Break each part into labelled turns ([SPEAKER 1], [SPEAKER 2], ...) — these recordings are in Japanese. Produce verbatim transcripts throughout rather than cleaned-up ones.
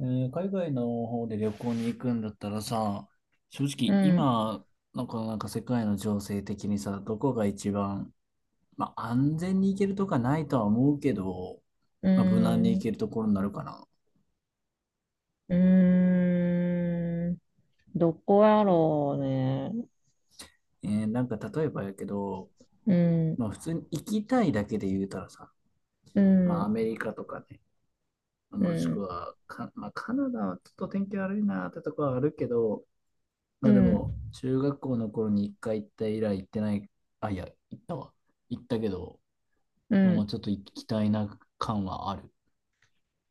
[SPEAKER 1] えー海外の方で旅行に行くんだったらさ、正
[SPEAKER 2] う
[SPEAKER 1] 直
[SPEAKER 2] ん、
[SPEAKER 1] 今のこのなんか世界の情勢的にさ、どこが一番、まあ、安全に行けるとかないとは思うけど、
[SPEAKER 2] う
[SPEAKER 1] まあ、無難に行け
[SPEAKER 2] ん、
[SPEAKER 1] るところになるかな。
[SPEAKER 2] うーん、どこやろうね。
[SPEAKER 1] えーなんか例えばやけど、
[SPEAKER 2] うん、
[SPEAKER 1] まあ、普通に行きたいだけで言うたらさ、
[SPEAKER 2] う
[SPEAKER 1] まあ、ア
[SPEAKER 2] ん、
[SPEAKER 1] メリカとかね、
[SPEAKER 2] う
[SPEAKER 1] もしく
[SPEAKER 2] ん、
[SPEAKER 1] はか、まあ、カナダはちょっと天気悪いなってとこはあるけど、ま
[SPEAKER 2] う
[SPEAKER 1] あで
[SPEAKER 2] ん、
[SPEAKER 1] も中学校の頃に一回行った以来行ってない。あ、いや、行ったわ。行ったけど、
[SPEAKER 2] う
[SPEAKER 1] のも
[SPEAKER 2] ん。
[SPEAKER 1] ちょっと行きたいな感はある。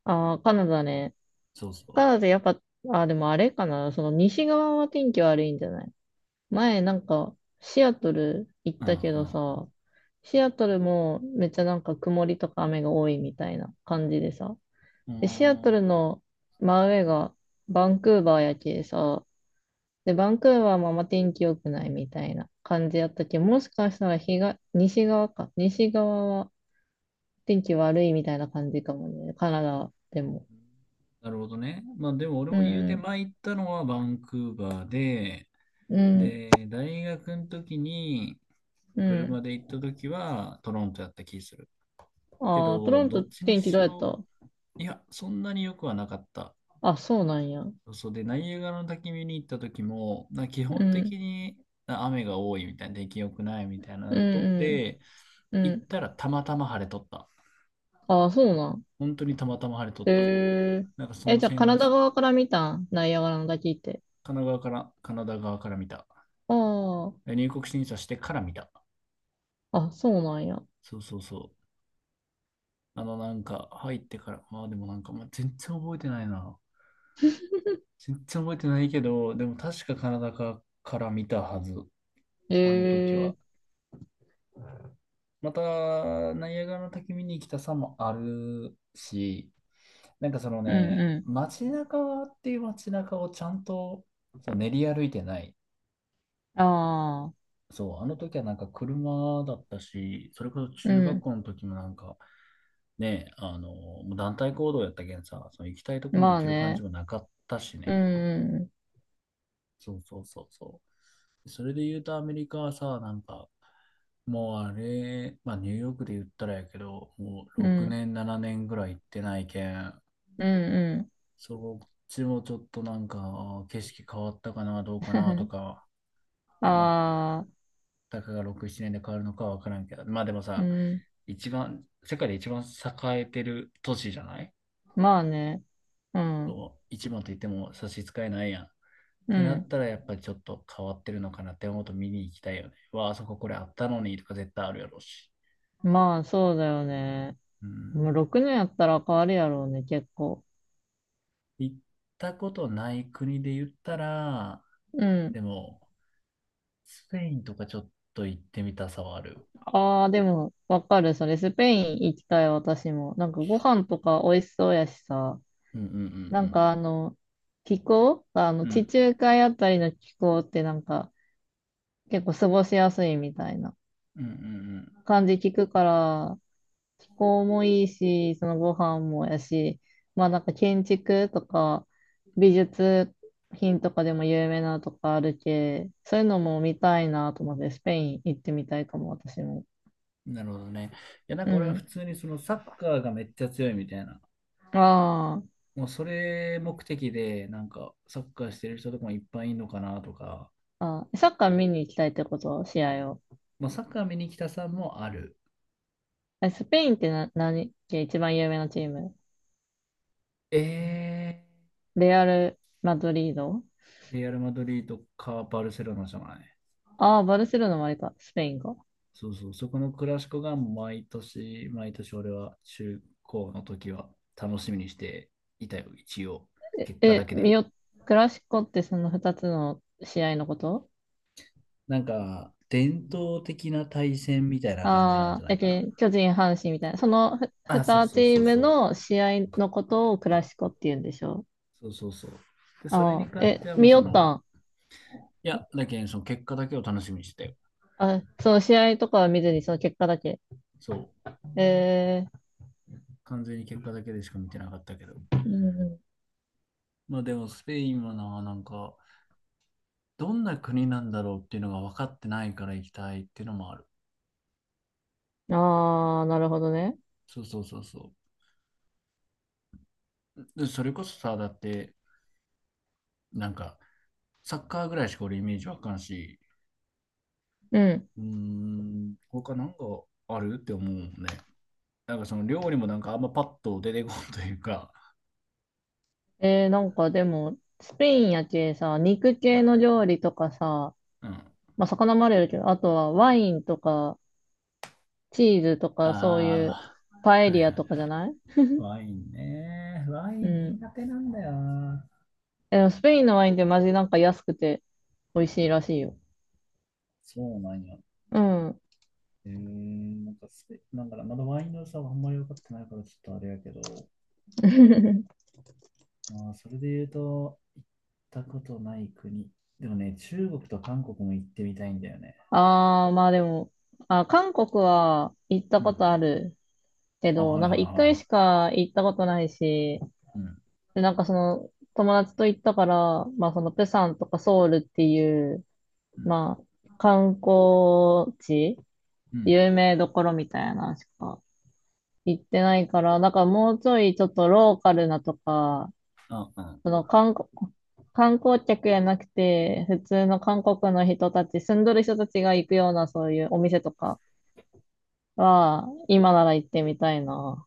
[SPEAKER 2] ああ、カナダね。
[SPEAKER 1] そう
[SPEAKER 2] カ
[SPEAKER 1] そ
[SPEAKER 2] ナダやっぱ、あ、でもあれかな。その西側は天気悪いんじゃない？前なんか、シアトル行っ
[SPEAKER 1] う。う
[SPEAKER 2] たけど
[SPEAKER 1] ん
[SPEAKER 2] さ、シアトルもめっちゃなんか曇りとか雨が多いみたいな感じでさ。
[SPEAKER 1] うん。う
[SPEAKER 2] で、シアト
[SPEAKER 1] ー
[SPEAKER 2] ル
[SPEAKER 1] ん
[SPEAKER 2] の真上がバンクーバーやけさ、で、バンクーバーもあんま天気良くないみたいな感じやったけど、もしかしたら日が西側か。西側は天気悪いみたいな感じかもね。カナダでも。
[SPEAKER 1] なるほどね。まあでも俺
[SPEAKER 2] う
[SPEAKER 1] も言うて
[SPEAKER 2] ん、
[SPEAKER 1] 前行ったのはバンクーバーで、
[SPEAKER 2] うん、
[SPEAKER 1] で、大学の時に
[SPEAKER 2] うん。
[SPEAKER 1] 車で行った時はトロントやった気する。け
[SPEAKER 2] ああ、ト
[SPEAKER 1] ど、
[SPEAKER 2] ロン
[SPEAKER 1] ど
[SPEAKER 2] ト
[SPEAKER 1] っちに
[SPEAKER 2] 天気どう
[SPEAKER 1] し
[SPEAKER 2] やっ
[SPEAKER 1] ろ、
[SPEAKER 2] た？
[SPEAKER 1] いや、そんなに良くはなかった。
[SPEAKER 2] あ、そうなんや。うん、
[SPEAKER 1] そうで、ナイアガラの滝見に行った時も、な基
[SPEAKER 2] う
[SPEAKER 1] 本
[SPEAKER 2] ん、
[SPEAKER 1] 的にあ雨が多いみたいな、出来良くないみたいな
[SPEAKER 2] う
[SPEAKER 1] のとっ
[SPEAKER 2] ん、
[SPEAKER 1] て、
[SPEAKER 2] う
[SPEAKER 1] 行っ
[SPEAKER 2] ん。
[SPEAKER 1] たらたまたま晴れとった。
[SPEAKER 2] ああ、そうなん。
[SPEAKER 1] 本当にたまたま晴れとっ
[SPEAKER 2] へ
[SPEAKER 1] た。
[SPEAKER 2] え。
[SPEAKER 1] なんかそ
[SPEAKER 2] え、
[SPEAKER 1] の
[SPEAKER 2] じゃあ
[SPEAKER 1] 線
[SPEAKER 2] カ
[SPEAKER 1] の
[SPEAKER 2] ナダ側から見たん？ナイアガラの滝って。
[SPEAKER 1] 神奈川から、カナダ側から見た。
[SPEAKER 2] あ
[SPEAKER 1] 入国審査してから見た。
[SPEAKER 2] あ、あ、そうなんや。
[SPEAKER 1] そうそうそう。あのなんか入ってから、まあでもなんか、まあ、全然覚えてないな。全然覚えてないけど、でも確かカナダかから見たはず。
[SPEAKER 2] へ
[SPEAKER 1] あの時は。
[SPEAKER 2] え。
[SPEAKER 1] また、ナイアガラの滝見に来たさもあるし、なんかその
[SPEAKER 2] うん、
[SPEAKER 1] ね、
[SPEAKER 2] う
[SPEAKER 1] 街中っていう街中をちゃんとその練り歩いてない。
[SPEAKER 2] ん。ああ、
[SPEAKER 1] そう、あの時はなんか車だったし、それこそ
[SPEAKER 2] う
[SPEAKER 1] 中学
[SPEAKER 2] ん。
[SPEAKER 1] 校の時もなんか、ね、あの、もう団体行動やったけんさ、その行きたいとこに
[SPEAKER 2] ま
[SPEAKER 1] 行
[SPEAKER 2] あ
[SPEAKER 1] ける感じ
[SPEAKER 2] ね。
[SPEAKER 1] もなかったし
[SPEAKER 2] う
[SPEAKER 1] ね。
[SPEAKER 2] ん
[SPEAKER 1] そうそうそうそう。それで言うとアメリカはさ、なんか、もうあれ、まあニューヨークで言ったらやけど、もう
[SPEAKER 2] うんう
[SPEAKER 1] 6
[SPEAKER 2] ん。
[SPEAKER 1] 年、ななねんぐらい行ってないけん、
[SPEAKER 2] うんう
[SPEAKER 1] そっちもちょっとなんか、あー景色変わったかな、どう
[SPEAKER 2] ん。
[SPEAKER 1] かなと か、ね、まあ、
[SPEAKER 2] ああ、
[SPEAKER 1] たかがろく、ななねんで変わるのかはわからんけど、まあでも
[SPEAKER 2] う
[SPEAKER 1] さ、
[SPEAKER 2] ん。
[SPEAKER 1] 一番、世界で一番栄えてる都市じゃない？
[SPEAKER 2] まあね。うん。
[SPEAKER 1] そう一番と言っても差し支えないやん。っ
[SPEAKER 2] う
[SPEAKER 1] てな
[SPEAKER 2] ん。
[SPEAKER 1] ったら、やっぱりちょっと変わってるのかなって思うと見に行きたいよね。わあ、あそここれあったのにとか絶対あるやろうし。
[SPEAKER 2] まあ、そうだよね。
[SPEAKER 1] うん。
[SPEAKER 2] もうろくねんやったら変わるやろうね、結構。
[SPEAKER 1] 行ったことない国で言ったら、
[SPEAKER 2] うん。
[SPEAKER 1] でも、スペインとかちょっと行ってみたさはある。
[SPEAKER 2] ああ、でも、わかる。それ、スペイン行きたい、私も。なんか、ご飯とか美味しそうやしさ。
[SPEAKER 1] うんう
[SPEAKER 2] なん
[SPEAKER 1] ん
[SPEAKER 2] か、あの、気候
[SPEAKER 1] うんう
[SPEAKER 2] あの、
[SPEAKER 1] ん。う
[SPEAKER 2] 地
[SPEAKER 1] ん。
[SPEAKER 2] 中海あたりの気候ってなんか、結構過ごしやすいみたいな
[SPEAKER 1] うんうん
[SPEAKER 2] 感じ聞くから、気候もいいし、そのご飯もやし、まあなんか建築とか美術品とかでも有名なとかあるけ、そういうのも見たいなと思って、スペイン行ってみたいかも、私も。
[SPEAKER 1] うん。なるほどね。いや、なん
[SPEAKER 2] う
[SPEAKER 1] か俺は普
[SPEAKER 2] ん。
[SPEAKER 1] 通にそのサッカーがめっちゃ強いみたいな、
[SPEAKER 2] あ
[SPEAKER 1] もうそれ目的で、なんかサッカーしてる人とかもいっぱいいるのかなとか、
[SPEAKER 2] あ、あ、サッカー見に行きたいってこと？試合を。
[SPEAKER 1] まあ、サッカー見に来たさんもある。
[SPEAKER 2] え、スペインってな、何け一番有名なチーム？
[SPEAKER 1] え
[SPEAKER 2] レアル・マドリード。
[SPEAKER 1] ー、レアル・マドリードかバルセロナじゃない？
[SPEAKER 2] ああ、バルセロナもあれか、スペインか。
[SPEAKER 1] そうそう、そこのクラシコが毎年、毎年俺は中高の時は楽しみにしていたよ、一応。結果だ
[SPEAKER 2] え、
[SPEAKER 1] け
[SPEAKER 2] 見
[SPEAKER 1] ね。
[SPEAKER 2] よ、クラシコってそのふたつの試合のこと？
[SPEAKER 1] なんか、伝統的な対戦みたいな感じなん
[SPEAKER 2] あ
[SPEAKER 1] じゃ
[SPEAKER 2] あ、
[SPEAKER 1] な
[SPEAKER 2] や
[SPEAKER 1] いか
[SPEAKER 2] け
[SPEAKER 1] な。
[SPEAKER 2] ん、巨人、阪神みたいな。そのふ
[SPEAKER 1] あ、
[SPEAKER 2] に
[SPEAKER 1] そうそ
[SPEAKER 2] チ
[SPEAKER 1] うそ
[SPEAKER 2] ー
[SPEAKER 1] う
[SPEAKER 2] ム
[SPEAKER 1] そう。
[SPEAKER 2] の試合のことをクラシコって言うんでしょ？
[SPEAKER 1] そうそうそう。で、それ
[SPEAKER 2] あ
[SPEAKER 1] に
[SPEAKER 2] あ、
[SPEAKER 1] 関して
[SPEAKER 2] え、
[SPEAKER 1] はもう
[SPEAKER 2] 見
[SPEAKER 1] そ
[SPEAKER 2] よっ
[SPEAKER 1] の、
[SPEAKER 2] たん？
[SPEAKER 1] いや、だけど、その結果だけを楽しみにしてたよ。
[SPEAKER 2] あ、その試合とかは見ずにその結果だけ。
[SPEAKER 1] そう。
[SPEAKER 2] え
[SPEAKER 1] 完全に結果だけでしか見てなかったけど。
[SPEAKER 2] ー、
[SPEAKER 1] まあでも、スペインはな、なんか、どんな国なんだろうっていうのが分かってないから行きたいっていうのもある。
[SPEAKER 2] うん。ああ、なるほどね。
[SPEAKER 1] そうそうそうそう。でそれこそさ、だって、なんか、サッカーぐらいしか俺イメージわかんし、
[SPEAKER 2] うん。
[SPEAKER 1] うーん、他なんかあるって思うもんね。なんかその料理もなんかあんまパッと出てこんというか、
[SPEAKER 2] えー、なんかでも、スペインやけさ、肉
[SPEAKER 1] う
[SPEAKER 2] 系
[SPEAKER 1] ん、
[SPEAKER 2] の料理とかさ、
[SPEAKER 1] うんあ
[SPEAKER 2] まあ魚もあるやろけど、あとはワインとか、チーズとか、そういう
[SPEAKER 1] あ、
[SPEAKER 2] パエ
[SPEAKER 1] はい
[SPEAKER 2] リア
[SPEAKER 1] は
[SPEAKER 2] とか
[SPEAKER 1] い。
[SPEAKER 2] じゃない？
[SPEAKER 1] ワインね。ワイ
[SPEAKER 2] う
[SPEAKER 1] ン
[SPEAKER 2] ん。
[SPEAKER 1] 苦手なんだよな。
[SPEAKER 2] でもスペインのワインってマジなんか安くて美味しいらしいよ。
[SPEAKER 1] そうなんや。
[SPEAKER 2] うん。
[SPEAKER 1] えー、なんかスペ、なんかまだワインの良さはあんまり分かってないからちょっとあれやけど、まあ、それで言うと、行ったことない国。でもね、中国と韓国も行ってみたいんだよね。
[SPEAKER 2] ああ、まあでも、あ、韓国は行った
[SPEAKER 1] う
[SPEAKER 2] こと
[SPEAKER 1] ん。
[SPEAKER 2] あるけ
[SPEAKER 1] あ、
[SPEAKER 2] ど、
[SPEAKER 1] はい
[SPEAKER 2] なん
[SPEAKER 1] はい
[SPEAKER 2] か
[SPEAKER 1] はい
[SPEAKER 2] 一回し
[SPEAKER 1] は
[SPEAKER 2] か行ったことないし、
[SPEAKER 1] い。うん。
[SPEAKER 2] で、なんかその友達と行ったから、まあそのプサンとかソウルっていう、
[SPEAKER 1] うん。
[SPEAKER 2] まあ観光地、
[SPEAKER 1] うん。
[SPEAKER 2] 有名どころみたいなのしか行ってないから、なんかもうちょいちょっとローカルなとか、
[SPEAKER 1] あ、うん。
[SPEAKER 2] その観光、観光客やなくて、普通の韓国の人たち、住んどる人たちが行くようなそういうお店とかは、今なら行ってみたいな。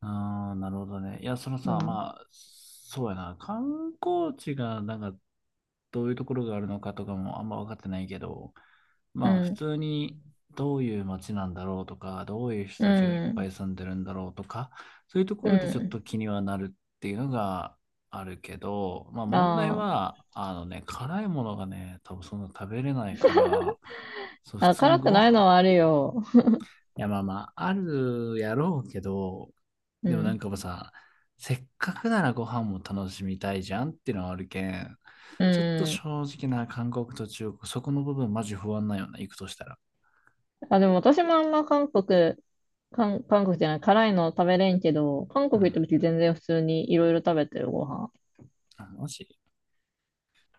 [SPEAKER 1] ああ、なるほどね。いや、その
[SPEAKER 2] う
[SPEAKER 1] さ、
[SPEAKER 2] ん。
[SPEAKER 1] まあ、そうやな。観光地が、なんか、どういうところがあるのかとかもあんま分かってないけど、
[SPEAKER 2] う
[SPEAKER 1] まあ、普
[SPEAKER 2] ん。
[SPEAKER 1] 通にどういう街なんだろうとか、どういう
[SPEAKER 2] う
[SPEAKER 1] 人たちがいっぱ
[SPEAKER 2] ん。
[SPEAKER 1] い住んでるんだろうとか、そういうとこ
[SPEAKER 2] う
[SPEAKER 1] ろでちょっと気にはなるっていうのがあるけど、まあ、
[SPEAKER 2] ん。
[SPEAKER 1] 問題
[SPEAKER 2] あ
[SPEAKER 1] は、あのね、辛いものがね、多分そんな食べれないから、そう、普
[SPEAKER 2] あ。あ、
[SPEAKER 1] 通に
[SPEAKER 2] 辛く
[SPEAKER 1] ご
[SPEAKER 2] ない
[SPEAKER 1] 飯。
[SPEAKER 2] のはあるよ。
[SPEAKER 1] いや、まあまあ、あるやろうけど、
[SPEAKER 2] う
[SPEAKER 1] でもなん
[SPEAKER 2] ん。
[SPEAKER 1] かもうさ、せっかくならご飯も楽しみたいじゃんっていうのはあるけん、
[SPEAKER 2] う
[SPEAKER 1] ちょっと
[SPEAKER 2] ん。
[SPEAKER 1] 正直な韓国と中国、そこの部分マジ不安なんよな、行くとしたら。
[SPEAKER 2] あ、でも私もあんま韓国、韓、韓国じゃない、辛いの食べれんけど、韓
[SPEAKER 1] う
[SPEAKER 2] 国行った
[SPEAKER 1] ん。
[SPEAKER 2] 時全然普通にいろいろ食べてるご飯。
[SPEAKER 1] あ、マジ。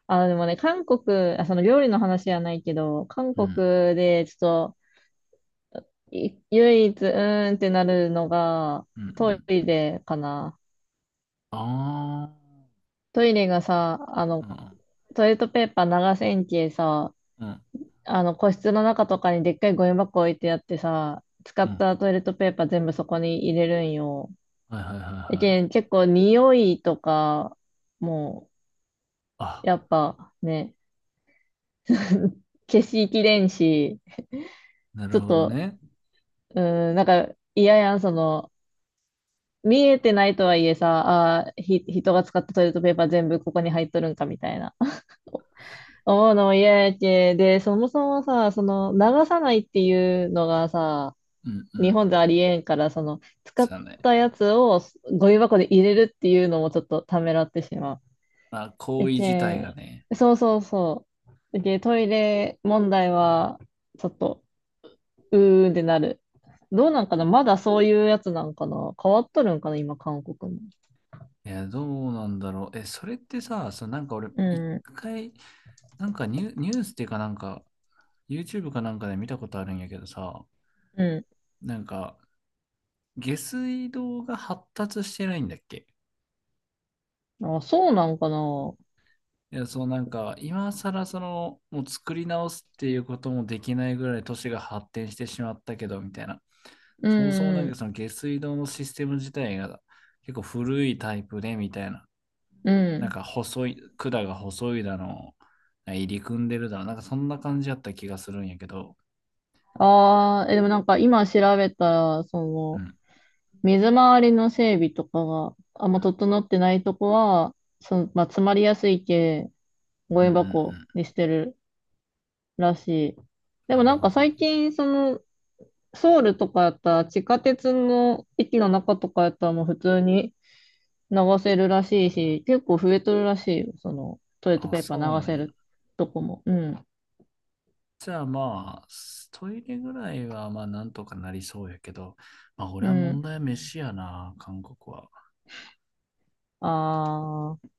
[SPEAKER 2] あ、でもね、韓国、あ、その料理の話じゃないけど、韓
[SPEAKER 1] う
[SPEAKER 2] 国
[SPEAKER 1] ん。
[SPEAKER 2] でちょっと、い唯一、うーんってなるのが、
[SPEAKER 1] うんう
[SPEAKER 2] ト
[SPEAKER 1] ん。
[SPEAKER 2] イレかな。
[SPEAKER 1] ああ。
[SPEAKER 2] トイレがさ、あ
[SPEAKER 1] う
[SPEAKER 2] の、
[SPEAKER 1] ん
[SPEAKER 2] トイレットペーパー長千切さ、
[SPEAKER 1] うん
[SPEAKER 2] あの、個室の中とかにでっかいゴミ箱置いてあってさ、使
[SPEAKER 1] う
[SPEAKER 2] っ
[SPEAKER 1] ん。
[SPEAKER 2] たトイレットペーパー全部そこに入れるんよ。
[SPEAKER 1] はいはいはい
[SPEAKER 2] だ
[SPEAKER 1] は
[SPEAKER 2] け
[SPEAKER 1] い。
[SPEAKER 2] ん結構匂いとか、も
[SPEAKER 1] あ、
[SPEAKER 2] う、やっぱね、消しきれんし、
[SPEAKER 1] なる
[SPEAKER 2] ちょっ
[SPEAKER 1] ほど
[SPEAKER 2] と、
[SPEAKER 1] ね。
[SPEAKER 2] うーん、なんか嫌やん、その、見えてないとはいえさ、あーひ、人が使ったトイレットペーパー全部ここに入っとるんかみたいな。思うのも嫌やけ。で、そもそもさ、その流さないっていうのがさ、
[SPEAKER 1] うんう
[SPEAKER 2] 日
[SPEAKER 1] ん。
[SPEAKER 2] 本でありえんから、その使っ
[SPEAKER 1] そうだね。
[SPEAKER 2] たやつをゴミ箱で入れるっていうのもちょっとためらってしまう。
[SPEAKER 1] まあ、行
[SPEAKER 2] や
[SPEAKER 1] 為自
[SPEAKER 2] け
[SPEAKER 1] 体が
[SPEAKER 2] ん、
[SPEAKER 1] ね、
[SPEAKER 2] そうそうそう。やけん、トイレ問題はちょっと、うーんってなる。どうなんかなまだそういうやつなんかな変わっとるんかな今、韓国も。
[SPEAKER 1] いや、どうなんだろう。え、それってさ、そのなんか俺、
[SPEAKER 2] う
[SPEAKER 1] 一
[SPEAKER 2] ん。
[SPEAKER 1] 回、なんかニュ、ニュースっていうかなんか、ユーチューブ かなんかで見たことあるんやけどさ、
[SPEAKER 2] うん。
[SPEAKER 1] なんか、下水道が発達してないんだっけ？
[SPEAKER 2] あ、そうなんかな。
[SPEAKER 1] いや、そうなんか、今更その、もう作り直すっていうこともできないぐらい都市が発展してしまったけど、みたいな。
[SPEAKER 2] う
[SPEAKER 1] そもそもなんか
[SPEAKER 2] ん、
[SPEAKER 1] その下水道のシステム自体が結構古いタイプで、みたいな。
[SPEAKER 2] う
[SPEAKER 1] なん
[SPEAKER 2] ん。
[SPEAKER 1] か細い、管が細いだの、入り組んでるだの、なんかそんな感じやった気がするんやけど、
[SPEAKER 2] ああ、え、でもなんか今調べたら、そ
[SPEAKER 1] うん、う
[SPEAKER 2] の、
[SPEAKER 1] ん、
[SPEAKER 2] 水回りの整備とかがあんま整ってないとこは、その、まあ、詰まりやすい系、ゴ
[SPEAKER 1] うん、
[SPEAKER 2] ミ
[SPEAKER 1] うん、
[SPEAKER 2] 箱にしてるらしい。で
[SPEAKER 1] う
[SPEAKER 2] も
[SPEAKER 1] ん。な
[SPEAKER 2] な
[SPEAKER 1] る
[SPEAKER 2] ん
[SPEAKER 1] ほ
[SPEAKER 2] か
[SPEAKER 1] どね。
[SPEAKER 2] 最近、その、ソウルとかやったら、地下鉄の駅の中とかやったらもう普通に流せるらしいし、結構増えとるらしいよ、その、トイレット
[SPEAKER 1] あ、
[SPEAKER 2] ペーパ
[SPEAKER 1] そう
[SPEAKER 2] ー
[SPEAKER 1] な
[SPEAKER 2] 流
[SPEAKER 1] ん
[SPEAKER 2] せ
[SPEAKER 1] や。
[SPEAKER 2] るとこも。うん、
[SPEAKER 1] じゃあまあ、トイレぐらいはまあなんとかなりそうやけど、まあ俺
[SPEAKER 2] う
[SPEAKER 1] は問
[SPEAKER 2] ん。
[SPEAKER 1] 題は飯やな、韓国は。
[SPEAKER 2] ああ。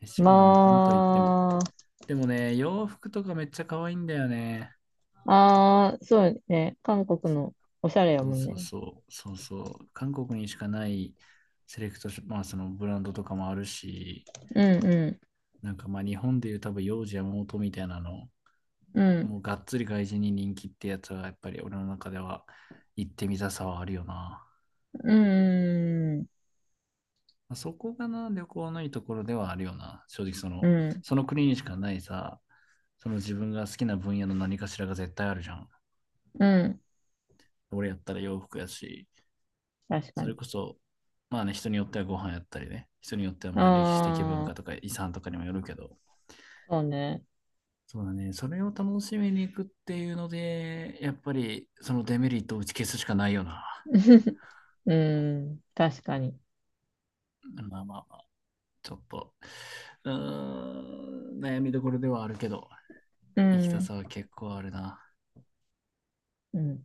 [SPEAKER 1] 飯がな、なんと言っても。
[SPEAKER 2] ま
[SPEAKER 1] でもね、洋服とかめっちゃ可愛いんだよね。
[SPEAKER 2] あ、ああ、そうね。韓国のおしゃれや
[SPEAKER 1] そう
[SPEAKER 2] もん
[SPEAKER 1] そ
[SPEAKER 2] ね。
[SPEAKER 1] うそう、そうそう。韓国にしかないセレクトショ、まあそのブランドとかもあるし、
[SPEAKER 2] うんうん。
[SPEAKER 1] なんかまあ日本でいう多分幼児山本みたいなの、
[SPEAKER 2] うん。
[SPEAKER 1] もうがっつり外人に人気ってやつはやっぱり俺の中では行ってみたさはあるよな。
[SPEAKER 2] うん。
[SPEAKER 1] まあそこがな、旅行のいいところではあるよな。正直そ
[SPEAKER 2] う
[SPEAKER 1] の、
[SPEAKER 2] ん。
[SPEAKER 1] その国にしかないさ、その自分が好きな分野の何かしらが絶対あるじゃん。
[SPEAKER 2] うん。
[SPEAKER 1] 俺やったら洋服やし、
[SPEAKER 2] 確か
[SPEAKER 1] それ
[SPEAKER 2] に。
[SPEAKER 1] こそ、まあね、人によってはご飯やったりね、人によってはまあ歴史的文
[SPEAKER 2] あ
[SPEAKER 1] 化と
[SPEAKER 2] あ、
[SPEAKER 1] か遺産とかにもよるけど、
[SPEAKER 2] そうね。
[SPEAKER 1] そうだね。それを楽しみに行くっていうので、やっぱりそのデメリットを打ち消すしかないよな。
[SPEAKER 2] うん。確かに。
[SPEAKER 1] まあまあまあ、ちょっと、うーん、悩みどころではあるけど、
[SPEAKER 2] う
[SPEAKER 1] 行きたさ
[SPEAKER 2] ん。
[SPEAKER 1] は結構あるな。
[SPEAKER 2] うん。